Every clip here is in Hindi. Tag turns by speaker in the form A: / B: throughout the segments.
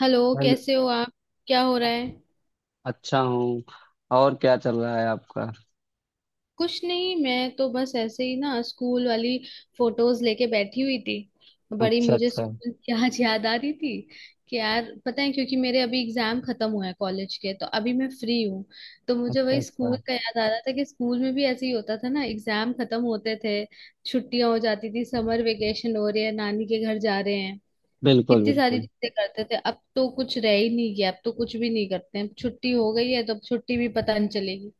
A: हेलो।
B: हेलो।
A: कैसे हो आप? क्या हो रहा है?
B: अच्छा हूँ। और क्या चल रहा है आपका।
A: कुछ नहीं, मैं तो बस ऐसे ही ना स्कूल वाली फोटोज लेके बैठी हुई थी। बड़ी
B: अच्छा
A: मुझे
B: अच्छा।
A: स्कूल की आज याद आ रही थी कि यार पता है, क्योंकि मेरे अभी एग्जाम खत्म हुए हैं कॉलेज के, तो अभी मैं फ्री हूँ। तो मुझे
B: अच्छा
A: वही स्कूल
B: अच्छा।
A: का याद आ रहा था कि स्कूल में भी ऐसे ही होता था ना, एग्जाम खत्म होते थे, छुट्टियां हो जाती थी, समर वेकेशन हो रही है, नानी के घर जा रहे हैं।
B: बिल्कुल
A: कितनी सारी
B: बिल्कुल।
A: चीजें करते थे, अब तो कुछ रह ही नहीं गया, अब तो कुछ भी नहीं करते हैं, छुट्टी हो गई है तो अब छुट्टी भी पता नहीं चलेगी।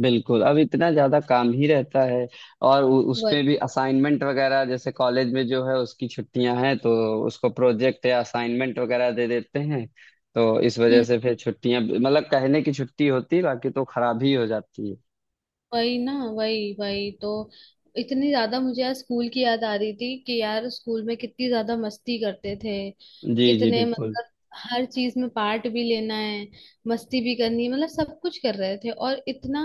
B: बिल्कुल अब इतना ज्यादा काम ही रहता है। और उसपे
A: वही।
B: भी असाइनमेंट वगैरह जैसे कॉलेज में जो है उसकी छुट्टियां हैं, तो उसको प्रोजेक्ट या असाइनमेंट वगैरह दे देते हैं। तो इस वजह से फिर छुट्टियां मतलब कहने की छुट्टी होती है, बाकी तो खराब ही हो जाती है।
A: वही ना, वही वही तो। इतनी ज्यादा मुझे यार स्कूल की याद आ रही थी कि यार स्कूल में कितनी ज्यादा मस्ती करते थे।
B: जी जी
A: कितने
B: बिल्कुल।
A: मतलब, हर चीज में पार्ट भी लेना है, मस्ती भी करनी है, मतलब सब कुछ कर रहे थे, और इतना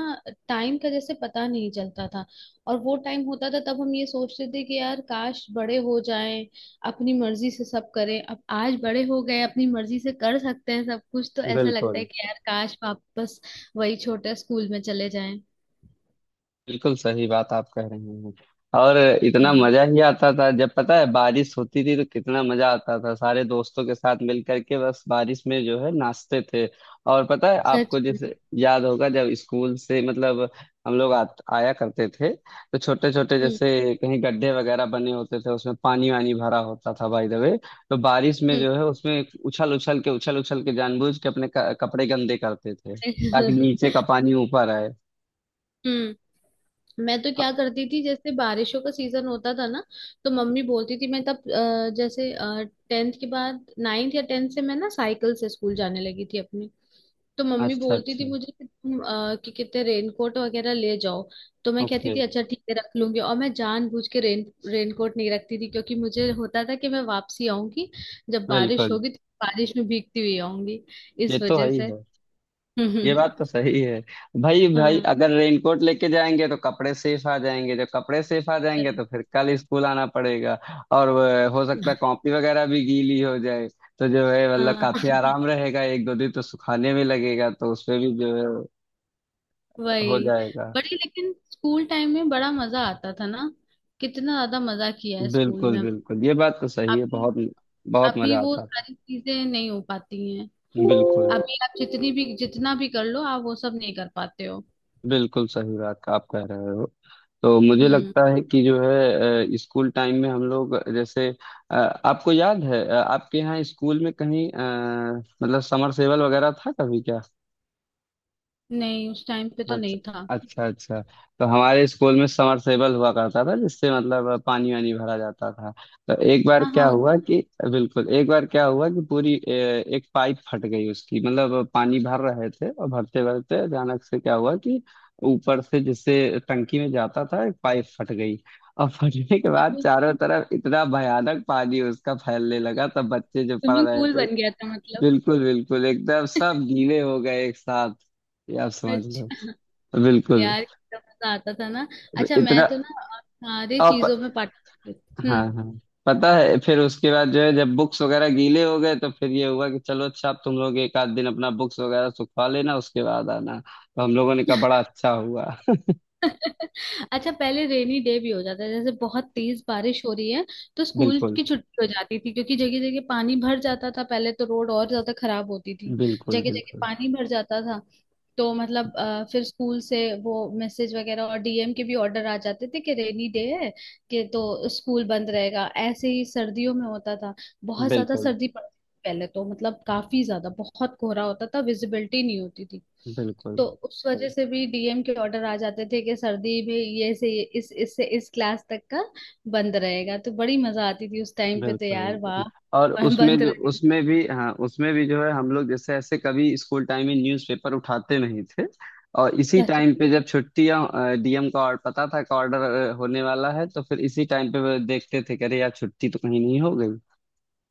A: टाइम का जैसे पता नहीं चलता था। और वो टाइम होता था तब हम ये सोचते थे कि यार काश बड़े हो जाएं, अपनी मर्जी से सब करें। अब आज बड़े हो गए, अपनी मर्जी से कर सकते हैं सब कुछ, तो ऐसा लगता
B: बिल्कुल।
A: है कि यार काश वापस वही छोटे स्कूल में चले जाएं।
B: बिल्कुल सही बात आप कह रहे हैं। और इतना
A: हम्म।
B: मजा ही आता था। जब पता है बारिश होती थी तो कितना मजा आता था, सारे दोस्तों के साथ मिल करके बस बारिश में जो है नाचते थे। और पता है
A: सच
B: आपको
A: में।
B: जैसे याद होगा जब स्कूल से मतलब हम लोग आया करते थे, तो छोटे छोटे
A: हम्म।
B: जैसे कहीं गड्ढे वगैरह बने होते थे, उसमें पानी वानी भरा होता था बाय द वे। तो बारिश में
A: हम्म।
B: जो है उसमें उछल उछल के जानबूझ के अपने कपड़े गंदे करते थे ताकि नीचे का पानी ऊपर आए।
A: हम्म। मैं तो क्या करती थी, जैसे बारिशों का सीजन होता था ना, तो मम्मी बोलती थी, मैं तब जैसे टेंथ के बाद नाइन्थ या टेंथ से मैं ना साइकिल से स्कूल जाने लगी थी अपनी। तो मम्मी
B: अच्छा
A: बोलती थी
B: अच्छा।
A: मुझे कि तुम कि कितने रेनकोट वगैरह ले जाओ। तो मैं कहती
B: ओके।
A: थी अच्छा ठीक है रख लूंगी, और मैं जानबूझ के रेनकोट नहीं रखती थी, क्योंकि मुझे होता था कि मैं वापसी आऊंगी, जब बारिश
B: बिल्कुल।
A: होगी तो बारिश में भीगती हुई आऊंगी, इस
B: ये तो है
A: वजह
B: ही
A: से।
B: है। ये बात तो सही है। भाई भाई
A: हाँ।
B: अगर रेनकोट लेके जाएंगे तो कपड़े सेफ आ जाएंगे, जब कपड़े सेफ आ जाएंगे
A: वही।
B: तो फिर कल स्कूल आना पड़ेगा। और हो सकता है कॉपी वगैरह भी गीली हो जाए, तो जो है मतलब
A: हाँ।
B: काफी आराम रहेगा, एक दो दिन तो सुखाने में लगेगा, तो उसमें भी जो है हो
A: वही।
B: जाएगा।
A: बड़ी लेकिन स्कूल टाइम में बड़ा मजा आता था ना, कितना ज्यादा मजा किया है स्कूल
B: बिल्कुल
A: में।
B: बिल्कुल ये बात तो सही है।
A: अभी,
B: बहुत बहुत
A: अभी
B: मजा
A: वो
B: आता
A: सारी चीजें नहीं हो पाती हैं।
B: है। बिल्कुल
A: अभी आप जितनी भी जितना भी कर लो, आप वो सब नहीं कर पाते हो।
B: बिल्कुल सही बात आप कह रहे हो। तो मुझे
A: हम्म।
B: लगता है कि जो है स्कूल टाइम में हम लोग जैसे अ, आपको याद है आपके यहाँ स्कूल में कहीं मतलब समरसेवल वगैरह था कभी क्या।
A: नहीं, उस टाइम पे तो
B: अच्छा।
A: नहीं था।
B: अच्छा अच्छा। तो हमारे स्कूल में समरसेबल हुआ करता था जिससे मतलब पानी वानी भरा जाता था। तो एक बार
A: हाँ हाँ
B: क्या हुआ कि बिल्कुल, एक बार क्या हुआ कि पूरी एक पाइप फट गई उसकी, मतलब पानी भर रहे थे और भरते भरते अचानक से क्या हुआ कि ऊपर से जिससे टंकी में जाता था एक पाइप फट गई। और फटने के बाद
A: अरे,
B: चारों तरफ इतना भयानक पानी उसका फैलने लगा, तब बच्चे जो पढ़
A: स्विमिंग
B: रहे
A: पूल
B: थे
A: बन गया था मतलब।
B: बिल्कुल बिल्कुल एकदम सब गीले हो गए एक साथ, ये आप समझ लो।
A: अच्छा।
B: बिल्कुल।
A: यार कितना मजा आता था ना। अच्छा मैं
B: इतना
A: तो ना सारी
B: आप
A: चीजों में पार्टिसिपेट।
B: हाँ हाँ पता है। फिर उसके बाद जो है जब बुक्स वगैरह गीले हो गए तो फिर ये हुआ कि चलो अच्छा, आप तुम लोग एक आध दिन अपना बुक्स वगैरह सुखवा लेना, उसके बाद आना। तो हम लोगों ने कहा बड़ा अच्छा हुआ।
A: अच्छा पहले रेनी डे भी हो जाता है, जैसे बहुत तेज बारिश हो रही है तो स्कूल
B: बिल्कुल
A: की छुट्टी हो जाती थी, क्योंकि जगह जगह पानी भर जाता था, पहले तो रोड और ज्यादा खराब होती थी।
B: बिल्कुल।
A: जगह जगह
B: बिल्कुल
A: पानी भर जाता था। तो मतलब फिर स्कूल से वो मैसेज वगैरह और डीएम के भी ऑर्डर आ जाते थे कि रेनी डे है, कि तो स्कूल बंद रहेगा। ऐसे ही सर्दियों में होता था, बहुत ज्यादा
B: बिल्कुल।
A: सर्दी पड़ती थी पहले तो, मतलब काफी ज्यादा, बहुत कोहरा होता था, विजिबिलिटी नहीं होती थी।
B: बिल्कुल
A: तो उस वजह से भी डीएम के ऑर्डर आ जाते थे कि सर्दी में ये से ये- इस इससे इस क्लास तक का बंद रहेगा, तो बड़ी मजा आती थी उस टाइम पे तो।
B: बिल्कुल
A: यार
B: बिल्कुल।
A: वाह।
B: और
A: और
B: उसमें
A: बंद
B: जो
A: रहेगा।
B: उसमें भी हाँ उसमें भी जो है हम लोग जैसे ऐसे कभी स्कूल टाइम में न्यूज़पेपर उठाते नहीं थे। और इसी
A: अच्छा, अच्छा।
B: टाइम पे जब छुट्टियां डीएम का और पता था का ऑर्डर होने वाला है, तो फिर इसी टाइम पे वो देखते थे कि अरे यार छुट्टी तो कहीं नहीं हो गई।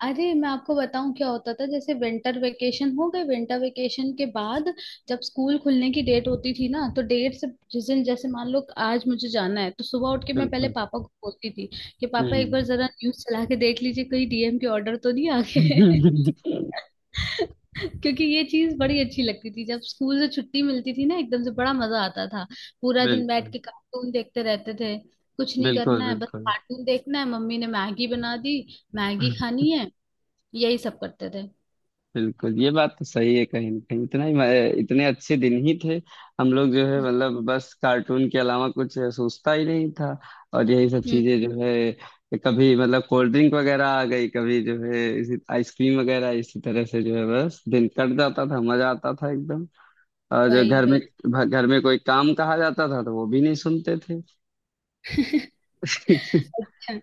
A: अरे मैं आपको बताऊं क्या होता था, जैसे विंटर वेकेशन हो गए, विंटर वेकेशन के बाद जब स्कूल खुलने की डेट होती थी ना, तो डेट से जिस दिन, जैसे मान लो आज मुझे जाना है, तो सुबह उठ के मैं पहले
B: बिल्कुल।
A: पापा को बोलती थी कि पापा एक बार
B: हम्म।
A: जरा न्यूज चला के देख लीजिए, कहीं डीएम के ऑर्डर तो नहीं आ गए। क्योंकि ये चीज बड़ी अच्छी लगती थी, जब स्कूल से छुट्टी मिलती थी ना, एकदम से बड़ा मजा आता था, पूरा दिन बैठ
B: बिल्कुल
A: के कार्टून देखते रहते थे, कुछ नहीं
B: बिल्कुल।
A: करना है, बस
B: बिल्कुल।
A: कार्टून देखना है, मम्मी ने मैगी बना दी, मैगी खानी है, यही सब करते थे।
B: बिल्कुल ये बात तो सही है, कहीं ना कहीं इतना ही इतने अच्छे दिन ही थे। हम लोग जो है मतलब बस कार्टून के अलावा कुछ सोचता ही नहीं था। और यही सब
A: हम्म।
B: चीजें जो है कभी मतलब कोल्ड ड्रिंक वगैरह आ गई, कभी जो है इसी आइसक्रीम वगैरह, इसी तरह से जो है बस दिन कट जाता था, मजा आता था एकदम। और जो
A: वही वही।
B: घर में कोई काम कहा जाता था तो वो भी नहीं सुनते थे।
A: अच्छा।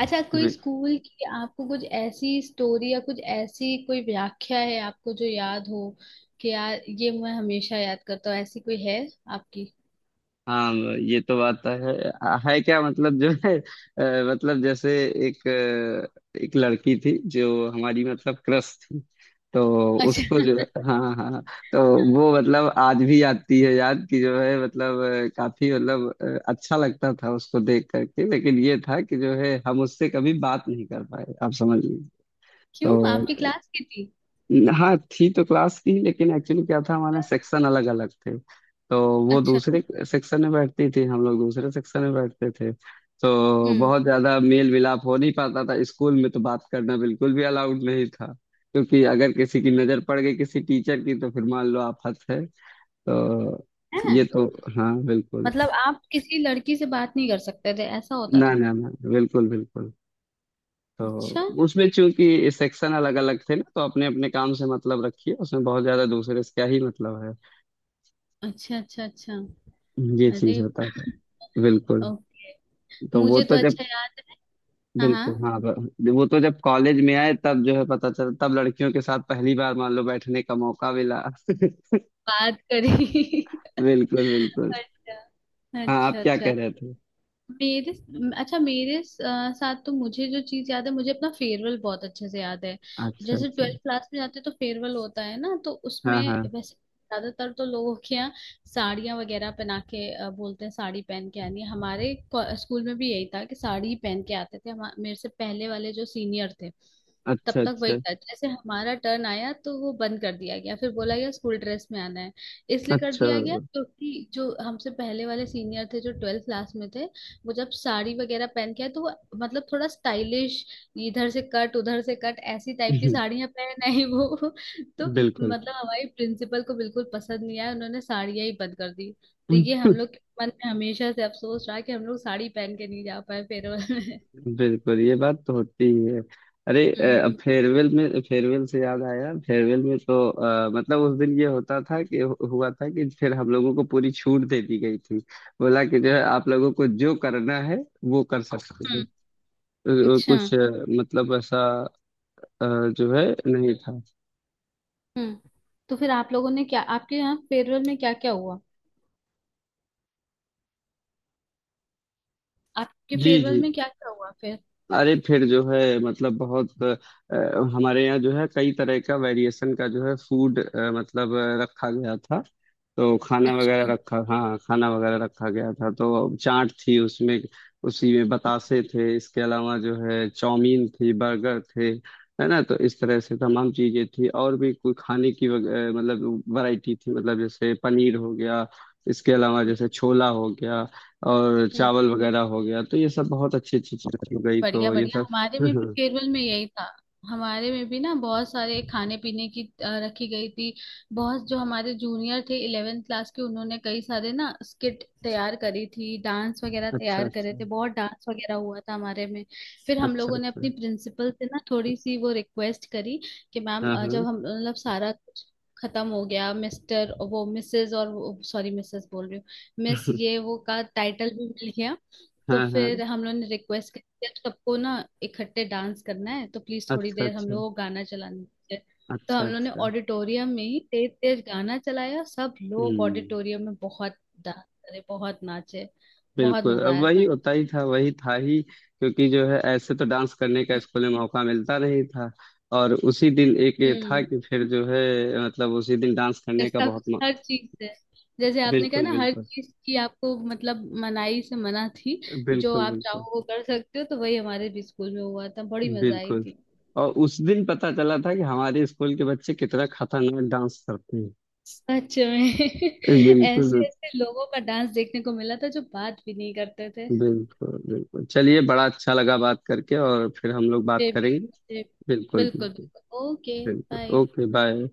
A: अच्छा कोई स्कूल की आपको कुछ ऐसी स्टोरी या कुछ ऐसी कोई व्याख्या है आपको जो याद हो कि यार ये मैं हमेशा याद करता हूँ, ऐसी कोई है आपकी?
B: हाँ, ये तो बात तो है। है क्या मतलब जो है मतलब जैसे एक एक लड़की थी जो हमारी मतलब क्रश थी। तो उसको जो
A: अच्छा।
B: हाँ हाँ हाँ, तो वो मतलब आज भी आती है याद, कि जो है मतलब काफी मतलब अच्छा लगता था उसको देख करके, लेकिन ये था कि जो है हम उससे कभी बात नहीं कर पाए, आप समझ लीजिए।
A: क्यों, आपकी
B: तो
A: क्लास की थी?
B: हाँ थी तो क्लास की, लेकिन एक्चुअली क्या था हमारे सेक्शन अलग अलग थे। तो वो
A: अच्छा।
B: दूसरे सेक्शन में बैठती थी, हम लोग दूसरे सेक्शन में बैठते थे। तो
A: हम्म।
B: बहुत ज्यादा मेल मिलाप हो नहीं पाता था। स्कूल में तो बात करना बिल्कुल भी अलाउड नहीं था, क्योंकि अगर किसी की नजर पड़ गई किसी टीचर की, तो फिर मान लो आफत है। तो
A: है।
B: ये तो हाँ बिल्कुल।
A: मतलब आप किसी लड़की से बात नहीं कर सकते थे, ऐसा होता
B: ना
A: था?
B: ना ना बिल्कुल बिल्कुल।
A: अच्छा
B: तो उसमें चूंकि सेक्शन अलग अलग थे ना, तो अपने अपने काम से मतलब रखिए, उसमें बहुत ज्यादा दूसरे से क्या ही मतलब है।
A: अच्छा अच्छा। अच्छा।
B: ये
A: अरे।
B: चीज होता था। बिल्कुल।
A: ओके।
B: तो वो
A: मुझे तो
B: तो जब
A: अच्छा याद है। हाँ हाँ।
B: बिल्कुल हाँ वो तो जब कॉलेज में आए तब जो है पता चला, तब लड़कियों के साथ पहली बार मान लो बैठने का मौका मिला।
A: बात करी।
B: बिल्कुल बिल्कुल।
A: अच्छा
B: हाँ आप
A: अच्छा
B: क्या कह
A: अच्छा।
B: रहे थे।
A: मेरे अच्छा, मेरे साथ तो मुझे जो चीज याद है, मुझे अपना फेयरवेल बहुत अच्छे से याद है।
B: अच्छा
A: जैसे
B: अच्छा।
A: ट्वेल्थ क्लास में जाते हैं तो फेयरवेल होता है ना, तो उसमें
B: हाँ हाँ।
A: वैसे ज्यादातर तो लोगों के यहाँ साड़ियाँ वगैरह पहना के बोलते हैं साड़ी पहन के आनी है। स्कूल में भी यही था कि साड़ी ही पहन के आते थे, मेरे से पहले वाले जो सीनियर थे तब
B: अच्छा
A: तक वही
B: अच्छा
A: था। जैसे हमारा टर्न आया तो वो बंद कर दिया गया, फिर बोला गया स्कूल ड्रेस में आना है। इसलिए कर
B: अच्छा।
A: दिया गया क्योंकि जो हमसे पहले वाले सीनियर थे जो ट्वेल्थ क्लास में थे, वो जब साड़ी वगैरह पहन के आए तो वो मतलब थोड़ा स्टाइलिश, इधर से कट उधर से कट, ऐसी टाइप की साड़ियां पहन आई वो। तो
B: बिल्कुल
A: मतलब हमारी प्रिंसिपल को बिल्कुल पसंद नहीं आया, उन्होंने साड़ियां ही बंद कर दी। तो ये हम लोग के मन में हमेशा से अफसोस रहा कि हम लोग साड़ी पहन के नहीं जा पाए फेयरवेल में।
B: बिल्कुल ये बात तो होती ही है। अरे अब
A: हम्म।
B: फेयरवेल में, फेयरवेल से याद आया, फेयरवेल में तो मतलब उस दिन ये होता था कि हुआ था कि फिर हम लोगों को पूरी छूट दे दी गई थी, बोला कि जो है आप लोगों को जो करना है वो कर सकते हो।
A: हम्म,
B: अ,
A: अच्छा।
B: कुछ अ, मतलब ऐसा अ, जो है नहीं था।
A: हम्म। तो फिर आप लोगों ने क्या, आपके यहाँ फेयरवेल में क्या क्या हुआ? आपके
B: जी
A: फेयरवेल
B: जी।
A: में क्या क्या हुआ फिर?
B: अरे फिर जो है मतलब बहुत हमारे यहाँ जो है कई तरह का वेरिएशन का जो है फूड मतलब रखा गया था। तो खाना वगैरह
A: अच्छा।
B: रखा हाँ खाना वगैरह रखा गया था। तो चाट थी उसमें, उसी में बतासे थे, इसके अलावा जो है चाउमीन थी, बर्गर थे, है ना। तो इस तरह से तमाम चीजें थी और भी, कोई खाने की मतलब वैरायटी थी, मतलब जैसे पनीर हो गया, इसके अलावा जैसे छोला हो गया और
A: हम्म।
B: चावल वगैरह हो गया। तो ये सब बहुत अच्छी अच्छी चीजें हो गई,
A: बढ़िया
B: तो ये
A: बढ़िया,
B: सब
A: हमारे में भी केरल में यही था। हमारे में भी ना बहुत सारे खाने पीने की रखी गई थी। बहुत, जो हमारे जूनियर थे इलेवेंथ क्लास के, उन्होंने कई सारे ना स्किट तैयार करी थी, डांस वगैरह
B: अच्छा
A: तैयार करे
B: अच्छा।
A: थे, बहुत डांस वगैरह हुआ था हमारे में। फिर हम
B: अच्छा
A: लोगों ने
B: अच्छा।
A: अपनी प्रिंसिपल से ना थोड़ी सी वो रिक्वेस्ट करी कि मैम
B: हाँ हाँ।
A: जब हम मतलब सारा कुछ खत्म हो गया, मिस्टर वो मिसेस, और सॉरी मिसेस बोल रही हूँ, मिस ये वो का टाइटल भी मिल गया। तो
B: हाँ हाँ।
A: फिर हम लोगों ने रिक्वेस्ट कर दिया सबको ना, इकट्ठे डांस करना है, तो प्लीज थोड़ी
B: अच्छा
A: देर हम
B: अच्छा।
A: लोग को गाना चलाने दीजिए। तो
B: अच्छा
A: हम लोगों ने
B: अच्छा।
A: ऑडिटोरियम में ही तेज तेज गाना चलाया, सब लोग
B: हम्म।
A: ऑडिटोरियम में बहुत डांस करे, बहुत नाचे, बहुत
B: बिल्कुल
A: मजा
B: अब
A: आया
B: वही
A: था।
B: होता ही था, वही था ही, क्योंकि जो है ऐसे तो डांस करने का
A: हम्म।
B: स्कूल में मौका मिलता नहीं था। और उसी दिन एक ये था
A: हम्म,
B: कि फिर जो है मतलब उसी दिन डांस
A: ये
B: करने का
A: सब
B: बहुत
A: हर चीज से, जैसे आपने कहा
B: बिल्कुल
A: ना हर
B: बिल्कुल।
A: चीज की आपको मतलब मनाही से मना थी, जो
B: बिल्कुल
A: आप
B: बिल्कुल
A: चाहो वो कर सकते हो, तो वही हमारे भी स्कूल में हुआ था, बड़ी मजा आई
B: बिल्कुल।
A: थी।
B: और उस दिन पता चला था कि हमारे स्कूल के बच्चे कितना खतरनाक डांस करते हैं।
A: सच में।
B: बिल्कुल।
A: ऐसे ऐसे लोगों का डांस देखने को मिला था जो बात भी नहीं करते थे।
B: बिल्कुल बिल्कुल चलिए, बड़ा अच्छा लगा बात करके, और फिर हम लोग बात
A: ये भी।
B: करेंगे।
A: मुझे।
B: बिल्कुल
A: बिल्कुल
B: बिल्कुल।
A: बिल्कुल, ओके
B: बिल्कुल
A: बाय।
B: Okay bye.